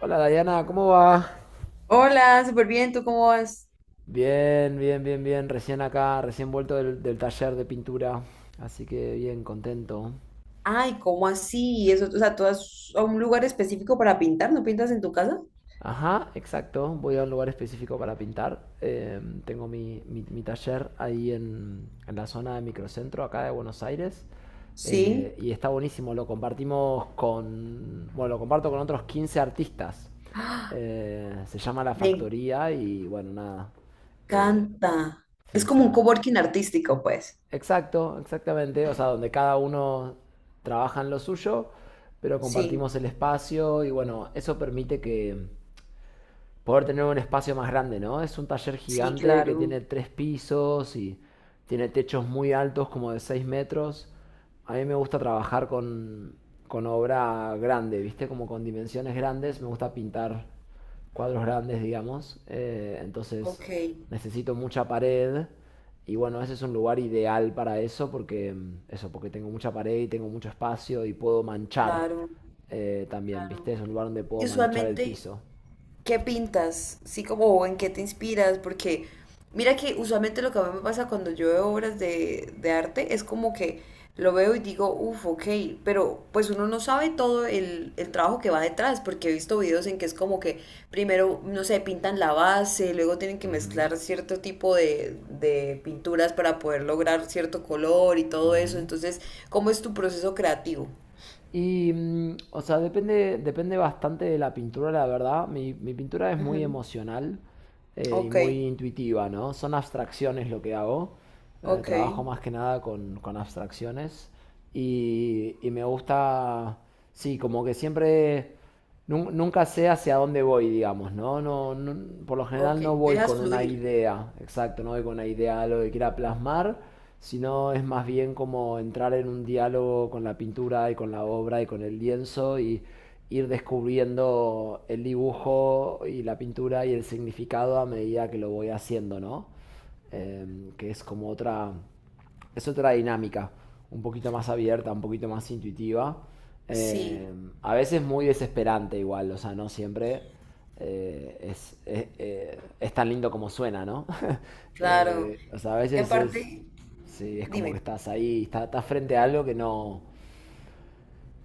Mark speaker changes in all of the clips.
Speaker 1: Hola Dayana, ¿cómo va?
Speaker 2: Hola, súper bien, ¿tú cómo vas?
Speaker 1: Bien, bien, bien, bien. Recién acá, recién vuelto del taller de pintura. Así que bien, contento.
Speaker 2: Ay, ¿cómo así? Eso, o sea, ¿tú vas a un lugar específico para pintar? ¿No pintas en tu casa?
Speaker 1: Ajá, exacto. Voy a un lugar específico para pintar. Tengo mi taller ahí en la zona de microcentro, acá de Buenos Aires.
Speaker 2: Sí.
Speaker 1: Y está buenísimo. Lo compartimos con... Bueno, lo comparto con otros 15 artistas.
Speaker 2: ¡Ah!
Speaker 1: Se llama La
Speaker 2: Me
Speaker 1: Factoría y bueno, nada. Eh,
Speaker 2: encanta.
Speaker 1: sí,
Speaker 2: Es como un
Speaker 1: está.
Speaker 2: coworking artístico, pues.
Speaker 1: Exacto, exactamente. O sea, donde cada uno trabaja en lo suyo, pero
Speaker 2: Sí,
Speaker 1: compartimos el espacio y bueno, eso permite que, poder tener un espacio más grande, ¿no? Es un taller
Speaker 2: sí,
Speaker 1: gigante que tiene
Speaker 2: claro.
Speaker 1: tres pisos y tiene techos muy altos, como de 6 metros. A mí me gusta trabajar con obra grande, ¿viste? Como con dimensiones grandes. Me gusta pintar cuadros grandes, digamos. Entonces
Speaker 2: Ok,
Speaker 1: necesito mucha pared. Y bueno, ese es un lugar ideal para eso porque, eso, porque tengo mucha pared y tengo mucho espacio y puedo manchar
Speaker 2: claro.
Speaker 1: también, ¿viste? Es un lugar donde
Speaker 2: Y
Speaker 1: puedo manchar el
Speaker 2: usualmente,
Speaker 1: piso.
Speaker 2: ¿qué pintas? Sí, como o en qué te inspiras, porque mira que usualmente lo que a mí me pasa cuando yo veo obras de arte es como que lo veo y digo, uff, ok, pero pues uno no sabe todo el trabajo que va detrás, porque he visto videos en que es como que primero, no sé, pintan la base, luego tienen que
Speaker 1: Ujú.
Speaker 2: mezclar cierto tipo de pinturas para poder lograr cierto color y todo eso,
Speaker 1: Ujú.
Speaker 2: entonces, ¿cómo es tu proceso creativo?
Speaker 1: O sea, depende, depende bastante de la pintura, la verdad. Mi pintura es muy
Speaker 2: Ujú.
Speaker 1: emocional y
Speaker 2: Ok,
Speaker 1: muy intuitiva, ¿no? Son abstracciones lo que hago.
Speaker 2: ok,
Speaker 1: Trabajo más que nada con abstracciones. Y me gusta, sí, como que siempre nunca sé hacia dónde voy, digamos, ¿no? Por lo
Speaker 2: ok,
Speaker 1: general no voy
Speaker 2: dejas
Speaker 1: con una
Speaker 2: fluir.
Speaker 1: idea, exacto, no voy con una idea de lo que quiera plasmar, sino es más bien como entrar en un diálogo con la pintura y con la obra y con el lienzo y ir descubriendo el dibujo y la pintura y el significado a medida que lo voy haciendo, ¿no? Que es como otra es otra dinámica, un poquito más abierta, un poquito más intuitiva. Eh,
Speaker 2: Sí,
Speaker 1: a veces muy desesperante igual, o sea, no siempre es tan lindo como suena, ¿no?
Speaker 2: claro.
Speaker 1: O sea, a
Speaker 2: Y
Speaker 1: veces es,
Speaker 2: aparte,
Speaker 1: sí, es como que
Speaker 2: dime.
Speaker 1: estás ahí, estás frente a algo que no,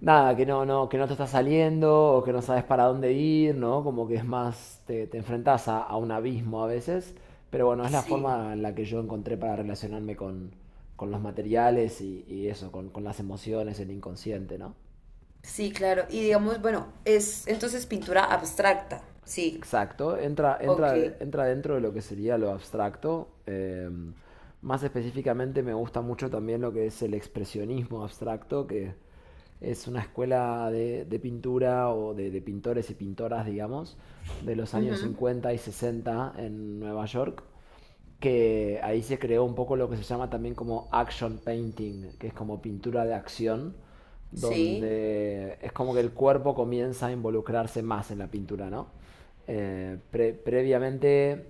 Speaker 1: nada, que que no te está saliendo o que no sabes para dónde ir, ¿no? Como que es más, te enfrentas a un abismo a veces, pero bueno, es la
Speaker 2: Sí,
Speaker 1: forma en la que yo encontré para relacionarme con, los materiales y eso, con las emociones, el inconsciente, ¿no?
Speaker 2: sí, claro. Y digamos, bueno, es entonces pintura abstracta. Sí,
Speaker 1: Exacto,
Speaker 2: ok.
Speaker 1: entra dentro de lo que sería lo abstracto. Más específicamente me gusta mucho también lo que es el expresionismo abstracto, que es una escuela de pintura o de pintores y pintoras, digamos, de los años
Speaker 2: Ujú,
Speaker 1: 50 y 60 en Nueva York, que ahí se creó un poco lo que se llama también como action painting, que es como pintura de acción
Speaker 2: sí.
Speaker 1: donde es como que el cuerpo comienza a involucrarse más en la pintura, ¿no? Previamente,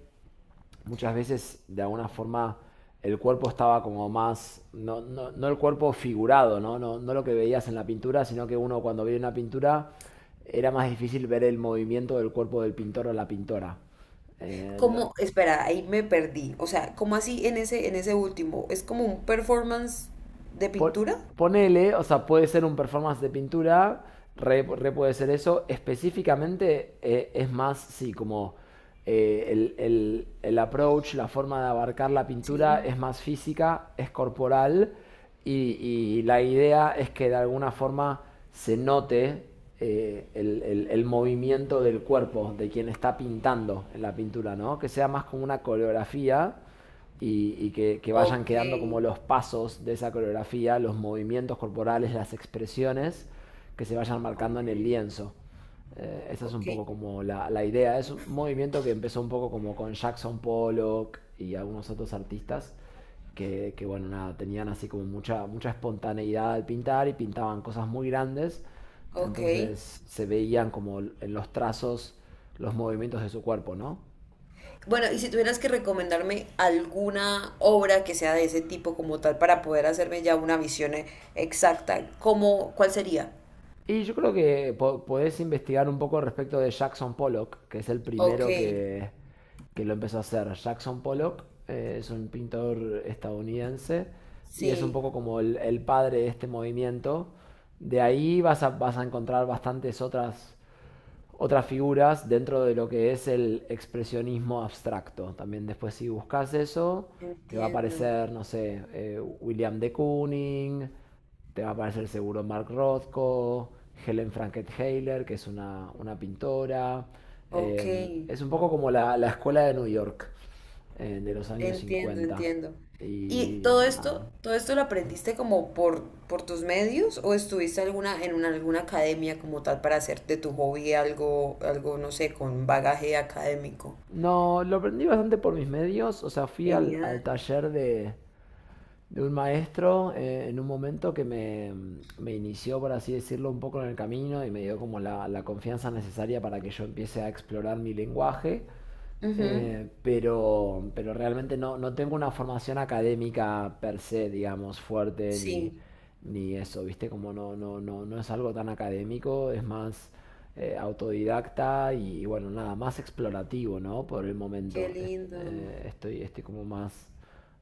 Speaker 1: muchas veces, de alguna forma, el cuerpo estaba como más, no el cuerpo figurado, ¿no? No lo que veías en la pintura, sino que uno cuando veía una pintura era más difícil ver el movimiento del cuerpo del pintor o la pintora. Eh, lo-
Speaker 2: ¿Cómo? Espera, ahí me perdí. O sea, ¿cómo así en ese último? ¿Es como un performance de
Speaker 1: Po-
Speaker 2: pintura?
Speaker 1: ponele, o sea, puede ser un performance de pintura, re puede ser eso. Específicamente es más, sí, como el approach, la forma de abarcar la pintura
Speaker 2: Sí.
Speaker 1: es más física, es corporal y, y la idea es que de alguna forma se note el movimiento del cuerpo de quien está pintando en la pintura, ¿no? Que sea más como una coreografía y que vayan
Speaker 2: Ok,
Speaker 1: quedando como los pasos de esa coreografía, los movimientos corporales, las expresiones que se vayan marcando
Speaker 2: ok,
Speaker 1: en el lienzo. Esa es un
Speaker 2: ok,
Speaker 1: poco como la idea. Es un movimiento que empezó un poco como con Jackson Pollock y algunos otros artistas que, bueno, nada, tenían así como mucha, mucha espontaneidad al pintar y pintaban cosas muy grandes.
Speaker 2: ok.
Speaker 1: Entonces se veían como en los trazos los movimientos de su cuerpo, ¿no?
Speaker 2: Bueno, y si tuvieras que recomendarme alguna obra que sea de ese tipo como tal para poder hacerme ya una visión exacta, ¿cómo, cuál sería?
Speaker 1: Yo creo que podés investigar un poco respecto de Jackson Pollock, que es el
Speaker 2: Ok,
Speaker 1: primero que lo empezó a hacer. Jackson Pollock es un pintor estadounidense y es un
Speaker 2: sí,
Speaker 1: poco como el padre de este movimiento. De ahí vas vas a encontrar bastantes otras figuras dentro de lo que es el expresionismo abstracto. También después si buscas eso, te va a
Speaker 2: entiendo.
Speaker 1: aparecer, no sé, William de Kooning, te va a aparecer seguro Mark Rothko, Helen franket que es una pintora.
Speaker 2: Ok,
Speaker 1: Es un poco como la escuela de New York de los años
Speaker 2: entiendo,
Speaker 1: 50
Speaker 2: entiendo. ¿Y
Speaker 1: Y Ah,
Speaker 2: todo esto lo aprendiste como por tus medios o estuviste alguna, en una, alguna academia como tal para hacer de tu hobby algo, algo, no sé, con bagaje académico?
Speaker 1: no, lo aprendí bastante por mis medios, o sea, fui
Speaker 2: Genial.
Speaker 1: al taller de un maestro en un momento que me inició, por así decirlo, un poco en el camino y me dio como la confianza necesaria para que yo empiece a explorar mi lenguaje,
Speaker 2: Ujú,
Speaker 1: pero realmente no, no tengo una formación académica per se, digamos, fuerte
Speaker 2: sí,
Speaker 1: ni eso, ¿viste? Como no es algo tan académico, es más autodidacta y, bueno, nada, más explorativo, ¿no? Por el
Speaker 2: qué
Speaker 1: momento.
Speaker 2: lindo.
Speaker 1: Estoy como más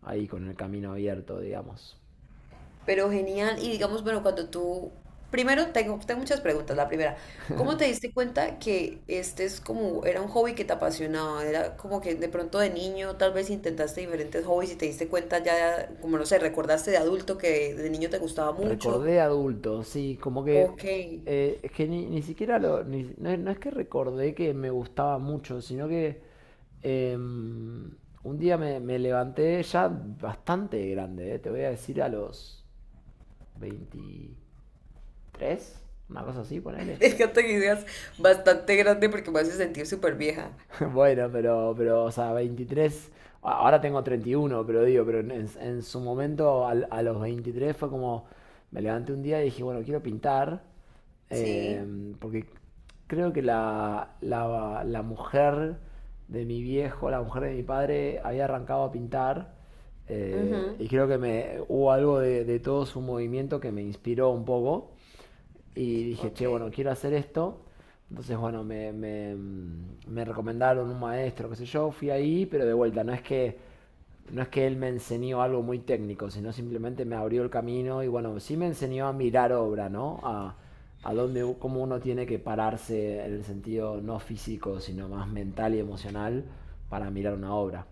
Speaker 1: ahí con el camino abierto, digamos.
Speaker 2: Pero genial. Y digamos, bueno, cuando tú... Primero, tengo, tengo muchas preguntas. La primera, ¿cómo te diste cuenta que este es como, era un hobby que te apasionaba? Era como que de pronto de niño tal vez intentaste diferentes hobbies y te diste cuenta ya, como no sé, recordaste de adulto que de niño te gustaba mucho.
Speaker 1: Recordé adulto, sí, como que
Speaker 2: Ok.
Speaker 1: es que ni siquiera lo. No, no es que recordé que me gustaba mucho, sino que un día me levanté ya bastante grande, te voy a decir a los 23 una cosa así, ponele.
Speaker 2: Déjate que digas bastante grande porque me hace sentir súper vieja.
Speaker 1: Bueno, o sea, 23. Ahora tengo 31, pero digo, pero en su momento a, los 23 fue como, me levanté un día y dije, bueno, quiero pintar,
Speaker 2: Sí.
Speaker 1: porque creo que la mujer de mi viejo, la mujer de mi padre, había arrancado a pintar,
Speaker 2: Ujú.
Speaker 1: y creo que me, hubo algo de todo su movimiento que me inspiró un poco. Y dije,
Speaker 2: Ok.
Speaker 1: che, bueno, quiero hacer esto. Entonces, bueno, me recomendaron un maestro, qué sé yo, fui ahí, pero de vuelta, no es que, no es que él me enseñó algo muy técnico, sino simplemente me abrió el camino y bueno, sí me enseñó a mirar obra, ¿no? Cómo uno tiene que pararse en el sentido no físico, sino más mental y emocional para mirar una obra.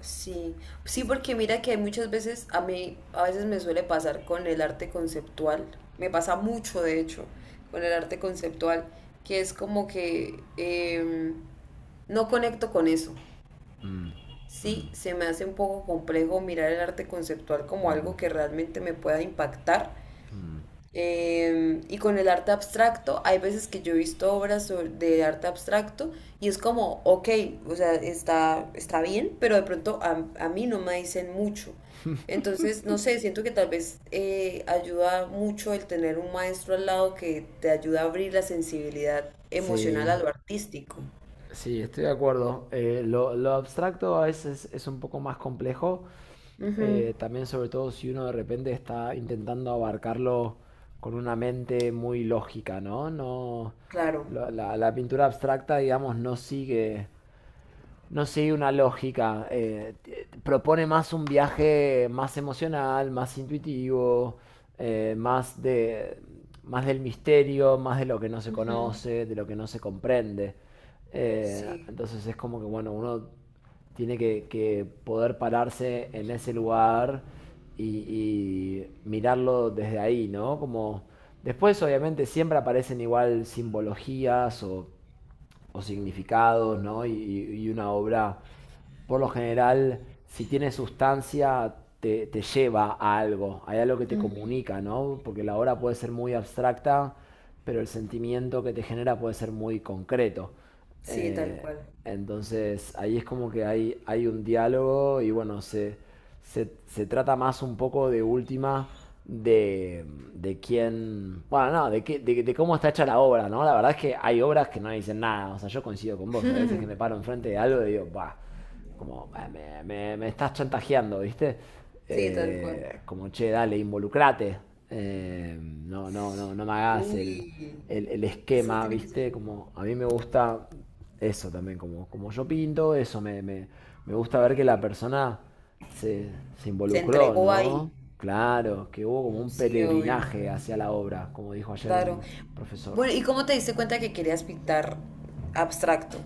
Speaker 2: Sí, sí, porque mira que muchas veces a mí, a veces me suele pasar con el arte conceptual, me pasa mucho de hecho, con el arte conceptual, que es como que no conecto con eso.
Speaker 1: Mm, mm,
Speaker 2: Sí, se me hace un poco complejo mirar el arte conceptual
Speaker 1: sí,
Speaker 2: como
Speaker 1: mm,
Speaker 2: algo que realmente me pueda impactar,
Speaker 1: mm.
Speaker 2: y con el arte abstracto, hay veces que yo he visto de arte abstracto y es como, ok, o sea, está, está bien, pero de pronto a mí no me dicen mucho. Entonces, no sé, siento que tal vez ayuda mucho el tener un maestro al lado que te ayuda a abrir la sensibilidad
Speaker 1: Sí,
Speaker 2: emocional
Speaker 1: sí,
Speaker 2: a lo artístico.
Speaker 1: sí, estoy de acuerdo. Lo abstracto a veces es un poco más complejo,
Speaker 2: Ujú,
Speaker 1: también sobre todo si uno de repente está intentando abarcarlo con una mente muy lógica, ¿no? No,
Speaker 2: claro.
Speaker 1: la pintura abstracta, digamos, no sigue una lógica. Propone más un viaje más emocional, más intuitivo, más más del misterio, más de lo que no se
Speaker 2: Ujú,
Speaker 1: conoce, de lo que no se comprende.
Speaker 2: sí,
Speaker 1: Entonces es como que, bueno, uno tiene que poder pararse en ese lugar y, y mirarlo desde ahí, ¿no? Como después obviamente siempre aparecen igual simbologías o significados, ¿no? Y una obra por lo general, si tiene sustancia, te lleva a algo, hay algo que te comunica, ¿no? Porque la obra puede ser muy abstracta, pero el sentimiento que te genera puede ser muy concreto.
Speaker 2: sí, tal
Speaker 1: Eh,
Speaker 2: cual.
Speaker 1: entonces, ahí es como que hay un diálogo y bueno, se trata más un poco de última de, de quién, bueno, no, de cómo está hecha la obra, ¿no? La verdad es que hay obras que no dicen nada, o sea, yo coincido con vos, a veces que me paro enfrente de algo y digo, va, como "Ah, me estás chantajeando, ¿viste?"
Speaker 2: Sí, tal cual.
Speaker 1: Como, che, dale, involucrate. No me hagas
Speaker 2: Uy,
Speaker 1: el
Speaker 2: eso
Speaker 1: esquema,
Speaker 2: tiene que ser.
Speaker 1: ¿viste? Como a mí me gusta eso también, como, como yo pinto, eso me gusta ver que la persona se, se
Speaker 2: Se
Speaker 1: involucró,
Speaker 2: entregó ahí.
Speaker 1: ¿no? Claro, que hubo como un
Speaker 2: Sí, obvio.
Speaker 1: peregrinaje hacia la obra, como dijo ayer
Speaker 2: Claro.
Speaker 1: un profesor.
Speaker 2: Bueno, ¿y cómo te diste cuenta que querías pintar abstracto?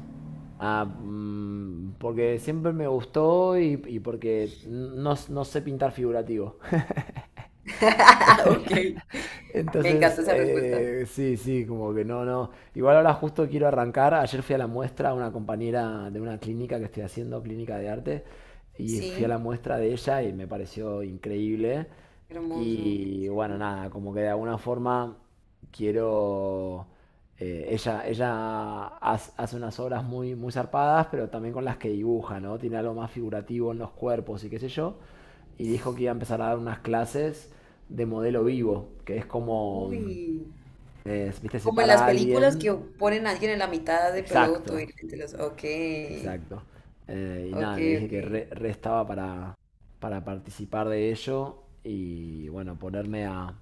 Speaker 1: Ah, porque siempre me gustó y porque no, no sé pintar figurativo.
Speaker 2: Ok. Me
Speaker 1: Entonces,
Speaker 2: encanta esa respuesta.
Speaker 1: sí, sí, como que no, no. Igual ahora justo quiero arrancar. Ayer fui a la muestra a una compañera de una clínica que estoy haciendo, clínica de arte, y fui a
Speaker 2: Sí,
Speaker 1: la muestra de ella y me pareció increíble.
Speaker 2: hermoso, qué
Speaker 1: Y bueno,
Speaker 2: chévere.
Speaker 1: nada, como que de alguna forma quiero... hace unas obras muy, muy zarpadas, pero también con las que dibuja, ¿no? Tiene algo más figurativo en los cuerpos y qué sé yo y dijo que iba a empezar a dar unas clases de modelo vivo, que es como,
Speaker 2: Uy.
Speaker 1: viste, se
Speaker 2: Como en las
Speaker 1: para a
Speaker 2: películas
Speaker 1: alguien.
Speaker 2: que ponen a alguien en la mitad de peloto y
Speaker 1: Exacto,
Speaker 2: la gente los... Ok,
Speaker 1: exacto. Y
Speaker 2: ok,
Speaker 1: nada, le dije
Speaker 2: ok.
Speaker 1: que re estaba para, participar de ello y bueno, ponerme a,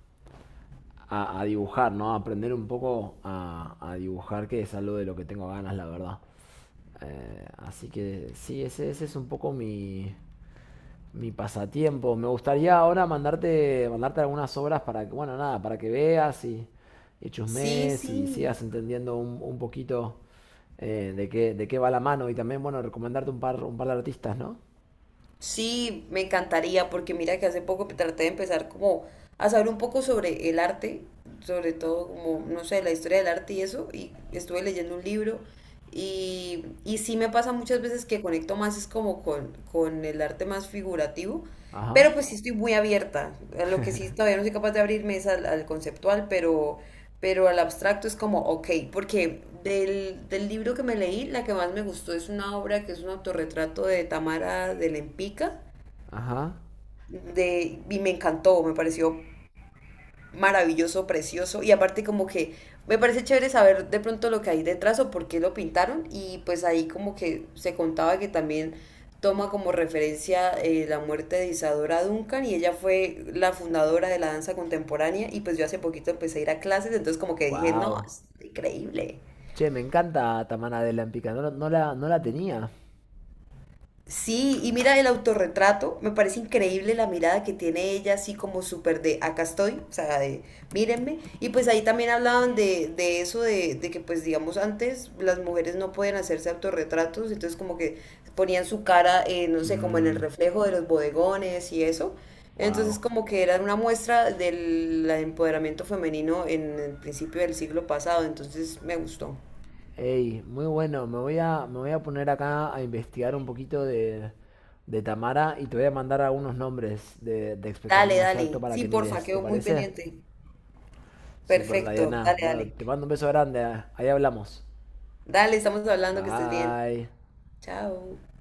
Speaker 1: a, a dibujar, ¿no? Aprender un poco a dibujar, que es algo de lo que tengo ganas, la verdad. Así que sí, ese es un poco mi pasatiempo. Me gustaría ahora mandarte algunas obras para que, bueno, nada, para que veas y
Speaker 2: Sí,
Speaker 1: chusmees y
Speaker 2: sí.
Speaker 1: sigas entendiendo un poquito de qué va la mano. Y también, bueno, recomendarte un par de artistas, ¿no?
Speaker 2: Sí, me encantaría, porque mira que hace poco traté de empezar como a saber un poco sobre el arte, sobre todo como, no sé, la historia del arte y eso, y estuve leyendo un libro y sí me pasa muchas veces que conecto más es como con el arte más figurativo,
Speaker 1: Ajá,
Speaker 2: pero pues sí estoy muy abierta. A lo que sí todavía no soy capaz de abrirme es al, al conceptual, pero al abstracto es como, ok, porque del libro que me leí, la que más me gustó es una obra que es un autorretrato de Tamara de Lempica,
Speaker 1: ajá.
Speaker 2: de, y me encantó, me pareció maravilloso, precioso y aparte como que me parece chévere saber de pronto lo que hay detrás o por qué lo pintaron y pues ahí como que se contaba que también toma como referencia la muerte de Isadora Duncan y ella fue la fundadora de la danza contemporánea y pues yo hace poquito empecé a ir a clases, entonces como que dije, no,
Speaker 1: Wow.
Speaker 2: es increíble.
Speaker 1: Che, me encanta Tamana de la en Pica. No, no no la tenía.
Speaker 2: Sí, y mira el autorretrato, me parece increíble la mirada que tiene ella, así como súper de acá estoy, o sea, de mírenme. Y pues ahí también hablaban de eso, de que pues digamos antes las mujeres no pueden hacerse autorretratos, entonces como que ponían su cara, no sé, como en
Speaker 1: Mmm,
Speaker 2: el reflejo de los bodegones y eso. Entonces
Speaker 1: wow.
Speaker 2: como que era una muestra del empoderamiento femenino en el principio del siglo pasado, entonces me gustó.
Speaker 1: Hey, muy bueno. Me voy me voy a poner acá a investigar un poquito de Tamara y te voy a mandar algunos nombres de
Speaker 2: Dale,
Speaker 1: expresionismo abstracto
Speaker 2: dale.
Speaker 1: para
Speaker 2: Sí,
Speaker 1: que
Speaker 2: porfa,
Speaker 1: mires. ¿Te
Speaker 2: quedo muy
Speaker 1: parece?
Speaker 2: pendiente.
Speaker 1: Super,
Speaker 2: Perfecto,
Speaker 1: Diana.
Speaker 2: dale,
Speaker 1: Bueno,
Speaker 2: dale.
Speaker 1: te mando un beso grande. Ahí hablamos.
Speaker 2: Dale, estamos hablando, que estés bien.
Speaker 1: Bye.
Speaker 2: Chao.